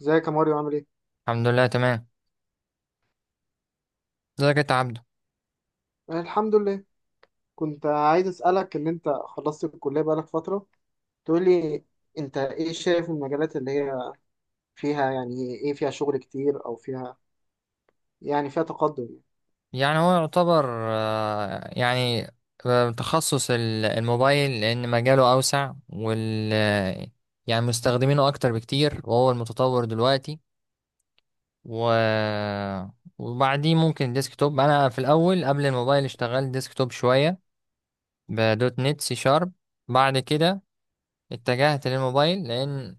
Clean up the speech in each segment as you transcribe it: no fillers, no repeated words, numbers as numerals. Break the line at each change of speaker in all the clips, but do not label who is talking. ازيك يا ماريو عامل ايه؟
الحمد لله تمام. ازيك انت يا عبده؟
أنا الحمد لله. كنت عايز اسألك ان انت خلصت الكلية بقالك فترة، تقول لي انت ايه شايف المجالات اللي هي فيها، يعني ايه فيها شغل كتير او فيها يعني فيها تقدم يعني.
يعني هو يعتبر آه، يعني تخصص الموبايل لان مجاله اوسع وال آه، يعني مستخدمينه اكتر بكتير وهو المتطور دلوقتي و وبعديه ممكن ديسكتوب. انا في الاول قبل الموبايل اشتغلت ديسكتوب شويه، بدوت نت سي شارب. بعد كده اتجهت للموبايل لان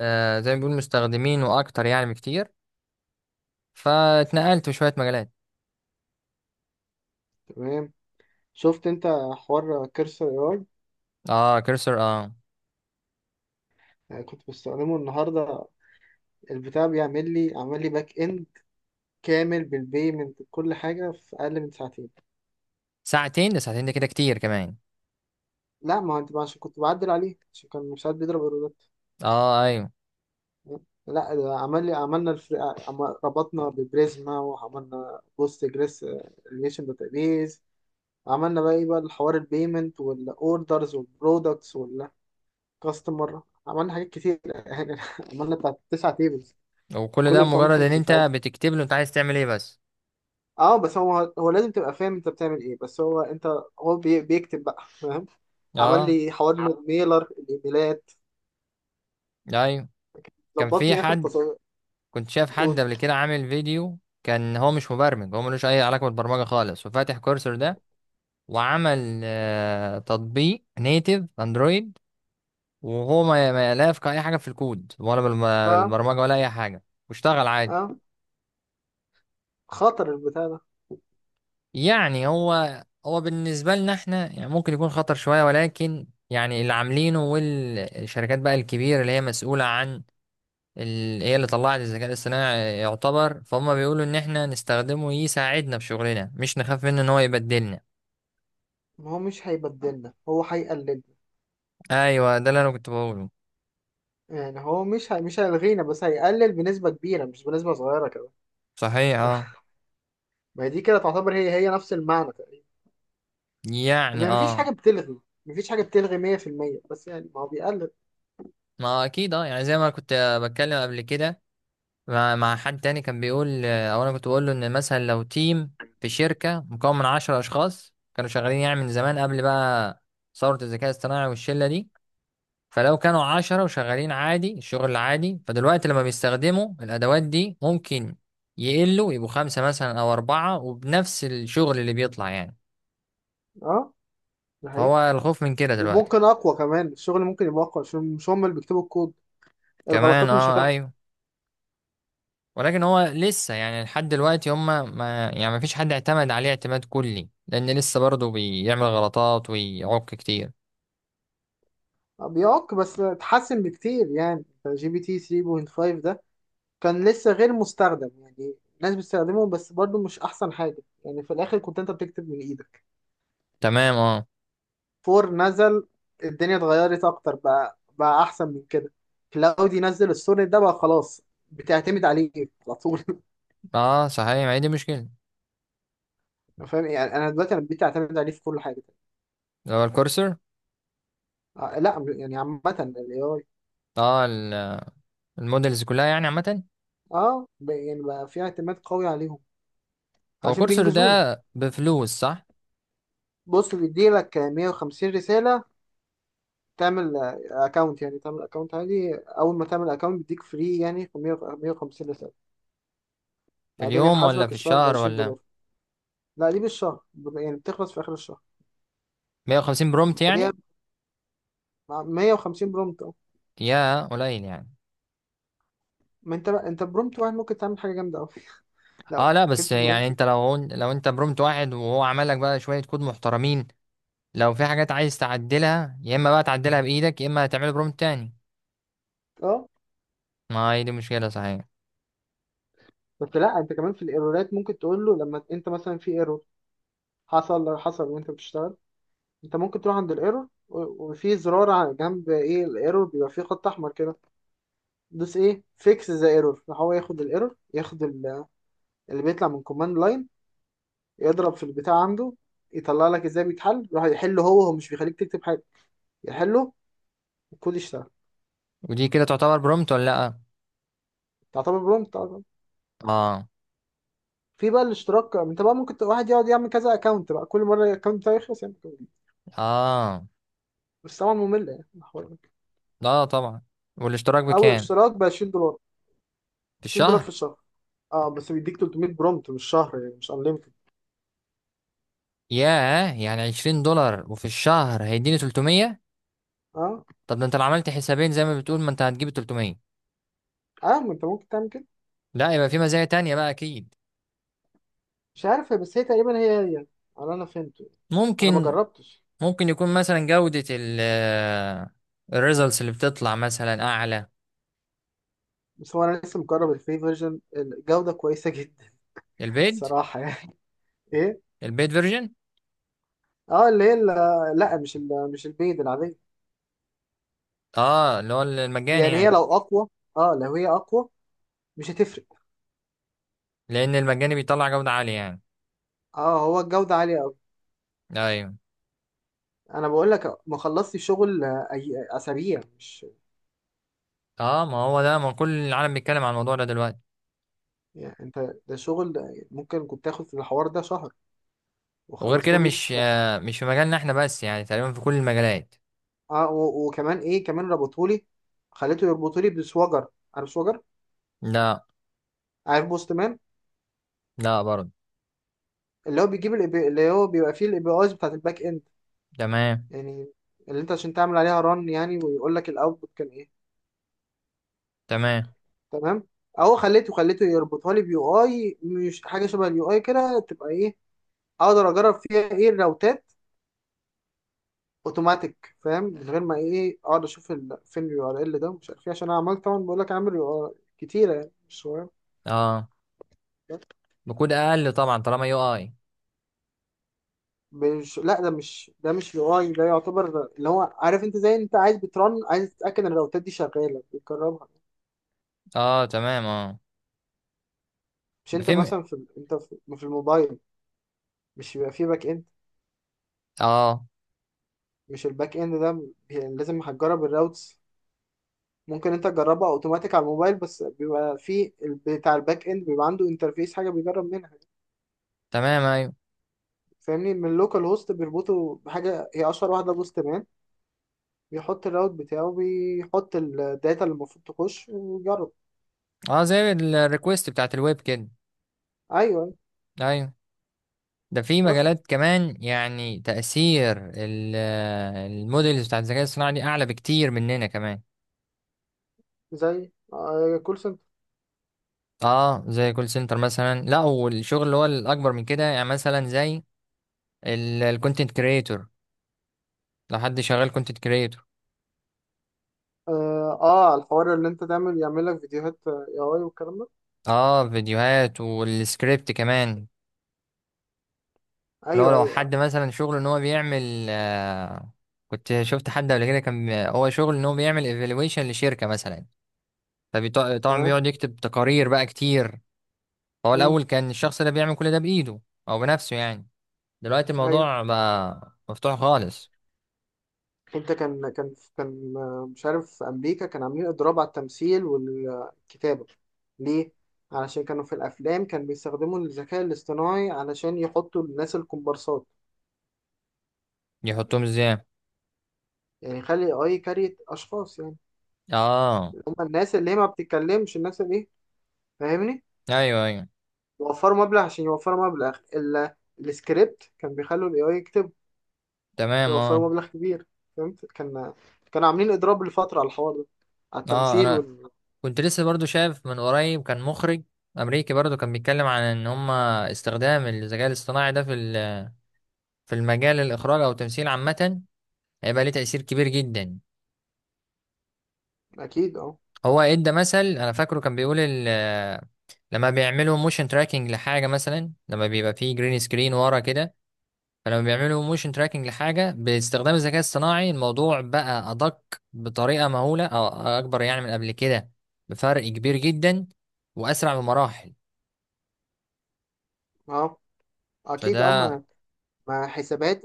زي ما بيقول مستخدمينه اكتر يعني بكتير، فاتنقلت في شويه مجالات.
تمام. شفت انت حوار كرسر؟ اي
اه كرسر اه.
اي آه، كنت بستخدمه النهاردة. البتاع بيعمل لي عمل لي باك اند كامل بالبيمنت بكل حاجة في اقل من ساعتين.
ساعتين ده، ساعتين ده كده كتير كمان.
لا، ما هو انت عشان كنت بعدل عليه عشان كان مش عارف بيضرب ايرورات.
اه ايوه.
لا ده عمل لي، ربطنا ببريزما وعملنا بوست جريس ريليشن داتابيز. عملنا بقى ايه بقى الحوار، البيمنت والاوردرز والبرودكتس والكاستمر، عملنا حاجات كتير يعني عملنا بتاع تسع تيبلز.
وكل
كل
ده مجرد ان
الفانكشنز بتاعت،
انت بتكتب له انت عايز تعمل ايه بس؟
اه بس هو لازم تبقى فاهم انت بتعمل ايه، بس هو انت هو بي... بيكتب بقى فاهم. عمل
اه
لي حوار ميلر الايميلات،
ايوه. كان في
ظبطني اخر
حد،
تصور.
كنت شايف حد قبل كده عامل فيديو، كان هو مش مبرمج، هو ملوش اي علاقه بالبرمجه خالص وفاتح كورسر ده، وعمل تطبيق نيتيف اندرويد وهو ما لا يفقه اي حاجه في الكود ولا
اه.
بالبرمجه ولا اي حاجه، واشتغل عادي.
اه، خطر البتاع ده.
يعني هو بالنسبة لنا احنا يعني ممكن يكون خطر شوية، ولكن يعني اللي عاملينه والشركات بقى الكبيرة اللي هي مسؤولة عن هي اللي طلعت الذكاء الاصطناعي يعتبر، فهم بيقولوا ان احنا نستخدمه يساعدنا في شغلنا، مش نخاف منه ان هو يبدلنا.
ما هو مش هيبدلنا، هو هيقللنا.
ايوه ده اللي انا كنت بقوله.
يعني هو مش هي... مش هيلغينا بس هيقلل بنسبة كبيرة مش بنسبة صغيرة كده.
صحيح اه.
ما هي دي كده تعتبر هي نفس المعنى تقريبا،
يعني
ان مفيش
اه.
حاجة بتلغي، مفيش حاجة بتلغي 100%، بس يعني ما هو بيقلل.
ما اكيد اه، يعني زي ما كنت بتكلم قبل كده مع حد تاني، كان بيقول او انا كنت بقول له ان مثلا لو تيم في شركه مكون من عشرة اشخاص كانوا شغالين يعني من زمان قبل بقى ثوره الذكاء الاصطناعي والشله دي، فلو كانوا عشرة وشغالين عادي الشغل العادي، فدلوقتي لما بيستخدموا الادوات دي ممكن يقلوا يبقوا خمسه مثلا او اربعه، وبنفس الشغل اللي بيطلع يعني.
اه، ده
فهو
حقيقي.
الخوف من كده دلوقتي.
وممكن اقوى كمان، الشغل ممكن يبقى اقوى عشان مش هم اللي بيكتبوا الكود،
كمان
الغلطات مش
اه
هتحصل.
ايوه. ولكن هو لسه يعني لحد دلوقتي هم، ما يعني ما فيش حد اعتمد عليه اعتماد كلي، لان لسه برضه بيعمل غلطات ويعك كتير.
بيعك بس اتحسن بكتير يعني. جي بي تي 3.5 ده كان لسه غير مستخدم، يعني الناس بتستخدمه بس برضه مش احسن حاجة، يعني في الاخر كنت انت بتكتب من ايدك.
تمام اه.
فور نزل، الدنيا اتغيرت اكتر، بقى احسن من كده. كلاودي نزل السونيت ده بقى خلاص، بتعتمد عليه على طول.
اه صحيح، ما هي دي مشكلة.
فاهم يعني، انا دلوقتي بقيت اعتمد عليه في كل حاجه.
اللي هو الكورسر.
آه لا، يعني عامه الاي اي.
اه المودلز كلها يعني عامة.
يعني بقى في اعتماد قوي عليهم
هو
عشان
الكورسر ده
بينجزون.
بفلوس، صح؟
بص، بيديلك 150 رساله. تعمل اكونت، يعني تعمل اكونت عادي، اول ما تعمل اكونت بيديك فري يعني، في 100، 150 رساله.
في
بعدين
اليوم ولا
بيحاسبك
في
الشهر ب
الشهر
20
ولا؟
دولار لا دي بالشهر، يعني بتخلص في اخر الشهر.
150 برومت
وبعديها،
يعني؟
مع 150 برومت اه.
يا قليل يعني.
ما انت بقى، انت برومت واحد ممكن تعمل حاجه جامده قوي.
اه
لو
لا، بس
جبت
يعني
برومت.
انت لو انت برومت واحد وهو عمل لك بقى شوية كود محترمين، لو في حاجات عايز تعدلها يا اما بقى تعدلها بايدك يا اما هتعمل برومت تاني.
اه
ما هي دي مشكله صحيح.
بس لا، انت كمان في الايرورات ممكن تقول له. لما انت مثلا في ايرور، حصل وانت بتشتغل، انت ممكن تروح عند الايرور وفي زرار على جنب، ايه الايرور بيبقى فيه خط احمر كده، دوس ايه فيكس ذا ايرور. فهو ياخد الايرور، ياخد اللي بيطلع من كوماند لاين، يضرب في البتاع عنده، يطلع لك ازاي بيتحل، يروح يحله. هو مش بيخليك تكتب حاجه، يحله والكود يشتغل.
ودي كده تعتبر برومت ولا لا؟
تعتبر برومت.
اه.
في بقى الاشتراك، انت بقى ممكن واحد يقعد يعمل كذا اكونت بقى، كل مره الاكونت بتاعه يخلص يعمل account.
اه
بس طبعا ممله يعني الحوار ده.
لا طبعا. والاشتراك
او
بكام؟
اشتراك ب 20$.
في
20$
الشهر؟
في الشهر، اه بس بيديك 300 برومت مش شهر، يعني مش انليمتد.
ياه، يعني 20 دولار وفي الشهر هيديني 300؟
اه.
طب ده انت لو عملت حسابين زي ما بتقول ما انت هتجيب 300.
اه، ما انت ممكن تعمل كده.
لا يبقى في مزايا تانية بقى اكيد.
مش عارف بس هي تقريبا هي يعني، على انا فهمته يعني. انا ما
ممكن.
جربتش.
ممكن يكون مثلا جودة الريزلتس اللي بتطلع مثلا اعلى.
بس هو انا لسه مجرب الفري فيرجن، الجوده كويسه جدا.
البيد،
الصراحه يعني. ايه؟
البيد فيرجن.
اه اللي هي لا مش البيض العاديه.
اه اللي هو المجاني
يعني هي
يعني.
لو اقوى، اه لو هي اقوى مش هتفرق.
لان المجاني بيطلع جودة عالية يعني.
اه، هو الجودة عالية قوي.
ايوه.
انا بقول لك ما خلصتش شغل أي اسابيع مش،
اه ما هو ده، ما كل العالم بيتكلم عن الموضوع ده دلوقتي.
يعني انت ده شغل ممكن كنت تاخد في الحوار ده شهر
وغير كده
وخلصه لي
مش
في.
مش في مجالنا احنا بس، يعني تقريبا في كل المجالات.
اه وكمان ايه، كمان ربطوا لي، خليته يربطوا لي بسوجر. عارف سوجر؟
لا.
عارف بوستمان؟
لا برضه.
اللي هو بيجيب ال API، اللي هو بيبقى فيه الاي بي ايز بتاعت الباك اند
تمام.
يعني، اللي انت عشان تعمل عليها ران يعني، ويقول لك الاوتبوت كان ايه.
تمام.
تمام. اهو خليته يربطها لي بيو اي، مش حاجه شبه اليو اي كده تبقى ايه، اقدر اجرب فيها ايه الراوتات اوتوماتيك، فاهم، من غير ما ايه اقعد اشوف فين اليو ار ال ده ومش عارف ايه، عشان انا عملت طبعا، بقول لك عامل يو ار كتيره يعني مش صغير.
اه بكود اقل طبعا طالما يو اي.
مش لا ده مش ده مش يو اي، ده يعتبر اللي هو، عارف انت، زي انت عايز بترن، عايز تتاكد ان الراوتات دي شغاله بتجربها.
اه تمام اه.
مش
ده
انت
في م-
مثلا في انت في الموبايل، مش بيبقى فيه باك اند؟
اه
مش الباك اند ده بي- لازم هتجرب الراوتس. ممكن انت تجربها اوتوماتيك على الموبايل، بس بيبقى فيه بتاع الباك اند بيبقى عنده انترفيس حاجه بيجرب منها،
تمام ايوه.
فاهمني، من اللوكال هوست بيربطه بحاجة هي أشهر واحدة بوست مان، بيحط الراوت بتاعه، بيحط الداتا اللي المفروض تخش ويجرب.
اه زي الريكوست بتاعت الويب كده.
أيوه أيوة.
ايوه. ده في
بس
مجالات كمان، يعني تأثير الموديلز بتاعت الذكاء الصناعي دي أعلى بكتير مننا كمان.
زي كول سنتر.
اه زي كول سنتر مثلا، لا والشغل اللي هو الاكبر من كده، يعني مثلا زي الكونتنت كريتور. لو حد شغال كونتنت كريتور.
الحوار اللي أنت تعمل، يعمل لك فيديوهات اي، أي والكلام ده.
اه فيديوهات والسكريبت كمان. لو
أيوه أيوه
حد
أيوه.
مثلا شغله ان هو بيعمل، آه كنت شفت حد قبل كده كان هو شغل ان هو بيعمل ايفالويشن لشركة مثلا، فطبعا
تمام.
بيقعد يكتب تقارير بقى كتير. فهو
مم،
الاول كان الشخص ده بيعمل كل ده بايده، او بنفسه يعني. دلوقتي
أيوه.
الموضوع بقى مفتوح خالص.
أنت كان كان كان آه، مش عارف، في أمريكا كان عاملين إضراب على التمثيل والكتابة. ليه؟ علشان كانوا في الأفلام كانوا بيستخدموا الذكاء الاصطناعي علشان يحطوا الناس الكومبارسات،
يحطهم ازاي؟
يعني يخلي اي كارية اشخاص يعني،
اه.
هم الناس اللي هي ما بتتكلمش الناس اللي ايه، فاهمني.
ايوه ايوه.
وفروا مبلغ، عشان يوفروا مبلغ السكريبت كان بيخلوا الاي اي يكتب.
تمام
كان
اه.
وفروا مبلغ كبير. فهمت؟ كان كانوا عاملين اضراب لفترة على الحوار ده، على
اه
التمثيل
انا كنت لسه برضو شايف من قريب كان مخرج امريكي برضو كان بيتكلم عن ان هم استخدام الذكاء الاصطناعي ده في في المجال الاخراج او التمثيل عامه، هيبقى ليه تاثير كبير جدا.
اكيد اه.
هو ادى مثل، انا فاكره كان بيقول لما بيعملوا موشن تراكنج لحاجه مثلا، لما بيبقى فيه جرين سكرين ورا كده، فلما بيعملوا موشن تراكنج لحاجة باستخدام الذكاء الصناعي الموضوع بقى أدق بطريقة مهولة أو أكبر يعني من قبل كده، بفرق كبير جدا وأسرع بمراحل.
اه اكيد اه،
فده
ما حسابات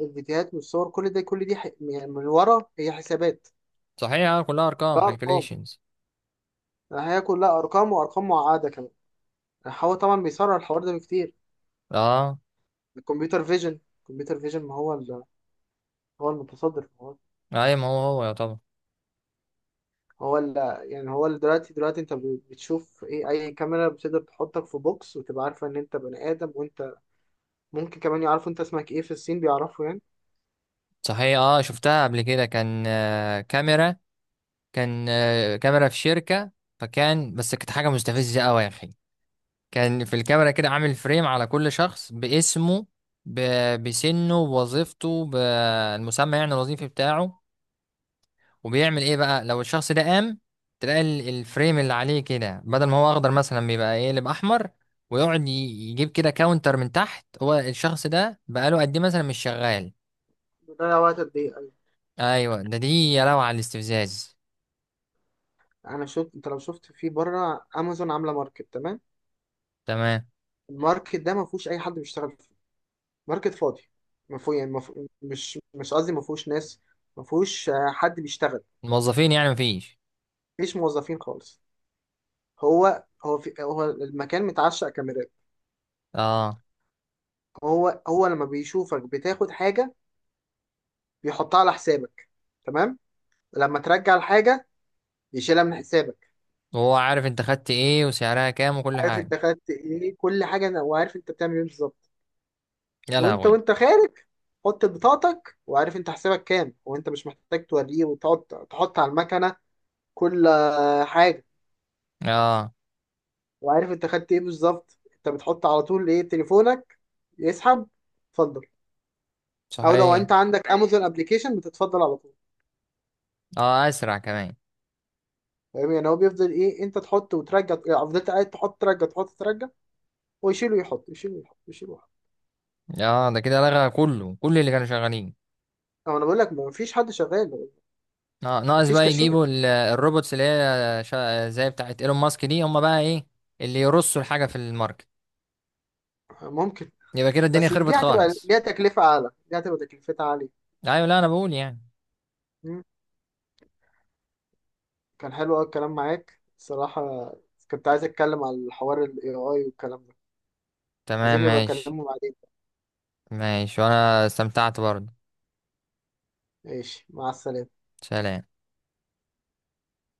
الفيديوهات والصور، كل ده كل دي يعني من ورا هي حسابات.
صحيح اه، كلها
ده
أرقام
ارقام،
calculations.
هي كلها ارقام وارقام معقدة كمان. هو طبعا بيسرع الحوار ده بكتير.
اه
الكمبيوتر فيجن ما هو هو المتصدر هو،
أي ما هو هو يا طبعا.
هو يعني هو دلوقتي بتشوف ايه، اي كاميرا بتقدر تحطك في بوكس وتبقى عارفه ان انت بني ادم، وانت ممكن كمان يعرفوا انت اسمك ايه، في الصين بيعرفوا يعني.
صحيح اه، شفتها قبل كده كان كاميرا، كان كاميرا في شركة، فكان بس كانت حاجة
بس
مستفزة
كده
أوي يا أخي. كان في الكاميرا كده عامل فريم على كل شخص باسمه، بسنه بوظيفته بالمسمى يعني الوظيفي بتاعه. وبيعمل ايه بقى لو الشخص ده قام؟ تلاقي الفريم اللي عليه كده بدل ما هو اخضر مثلا بيبقى يقلب احمر، ويقعد يجيب كده كاونتر من تحت هو الشخص ده بقاله قد ايه مثلا مش شغال.
بيضيع وقت قد ايه أوي.
ايوه ده دي، يا لو على الاستفزاز.
انا شفت، انت لو شفت في بره امازون عامله ماركت. تمام.
تمام.
الماركت ده ما فيهوش اي حد بيشتغل فيه، ماركت فاضي. ما فيه يعني ما فيه مش مش قصدي ما فيهوش ناس، ما فيهوش حد بيشتغل.
الموظفين يعني مفيش؟
مفيش موظفين خالص. هو المكان متعشق كاميرات.
اه.
هو لما بيشوفك بتاخد حاجة بيحطها على حسابك. تمام. لما ترجع الحاجة يشيلها من حسابك.
وهو عارف انت خدت ايه وسعرها كام وكل
عارف
حاجه.
انت خدت ايه، كل حاجة. وعارف انت بتعمل ايه بالظبط.
يا
وانت
لهوي.
وانت خارج، حط بطاقتك. وعارف انت حسابك كام، وانت مش محتاج توريه وتقعد تحط على المكنة كل حاجة.
اه
وعارف انت خدت ايه بالظبط. انت بتحط على طول ايه تليفونك، يسحب، اتفضل. او لو انت
صحيح.
عندك امازون ابلكيشن، بتتفضل على طول.
اه اسرع كمان.
فاهم يعني، هو بيفضل ايه، انت تحط وترجع، يعني فضلت قاعد تحط ترجع تحط ترجع، ويشيل ويحط يشيل ويحط يشيل ويحط.
اه ده كده لغى كله، كل اللي كانوا شغالين.
او انا بقول لك ما فيش حد شغال،
اه
ما
ناقص
فيش
بقى
كاشير.
يجيبوا الروبوتس اللي هي زي بتاعت ايلون ماسك دي، هم بقى ايه اللي يرصوا الحاجة في الماركت.
ممكن،
يبقى كده الدنيا
بس دي
خربت
هتبقى
خالص.
ليها تكلفة اعلى، دي هتبقى تكلفتها عالية.
ايوه لا انا بقول يعني.
مم. كان حلو قوي الكلام معاك الصراحة. كنت عايز اتكلم على الحوار الاي اي والكلام ده.
تمام
عايزين نبقى
ماشي.
اكلمه بعدين.
ماشي وانا استمتعت برضه.
ماشي، مع السلامة.
سلام.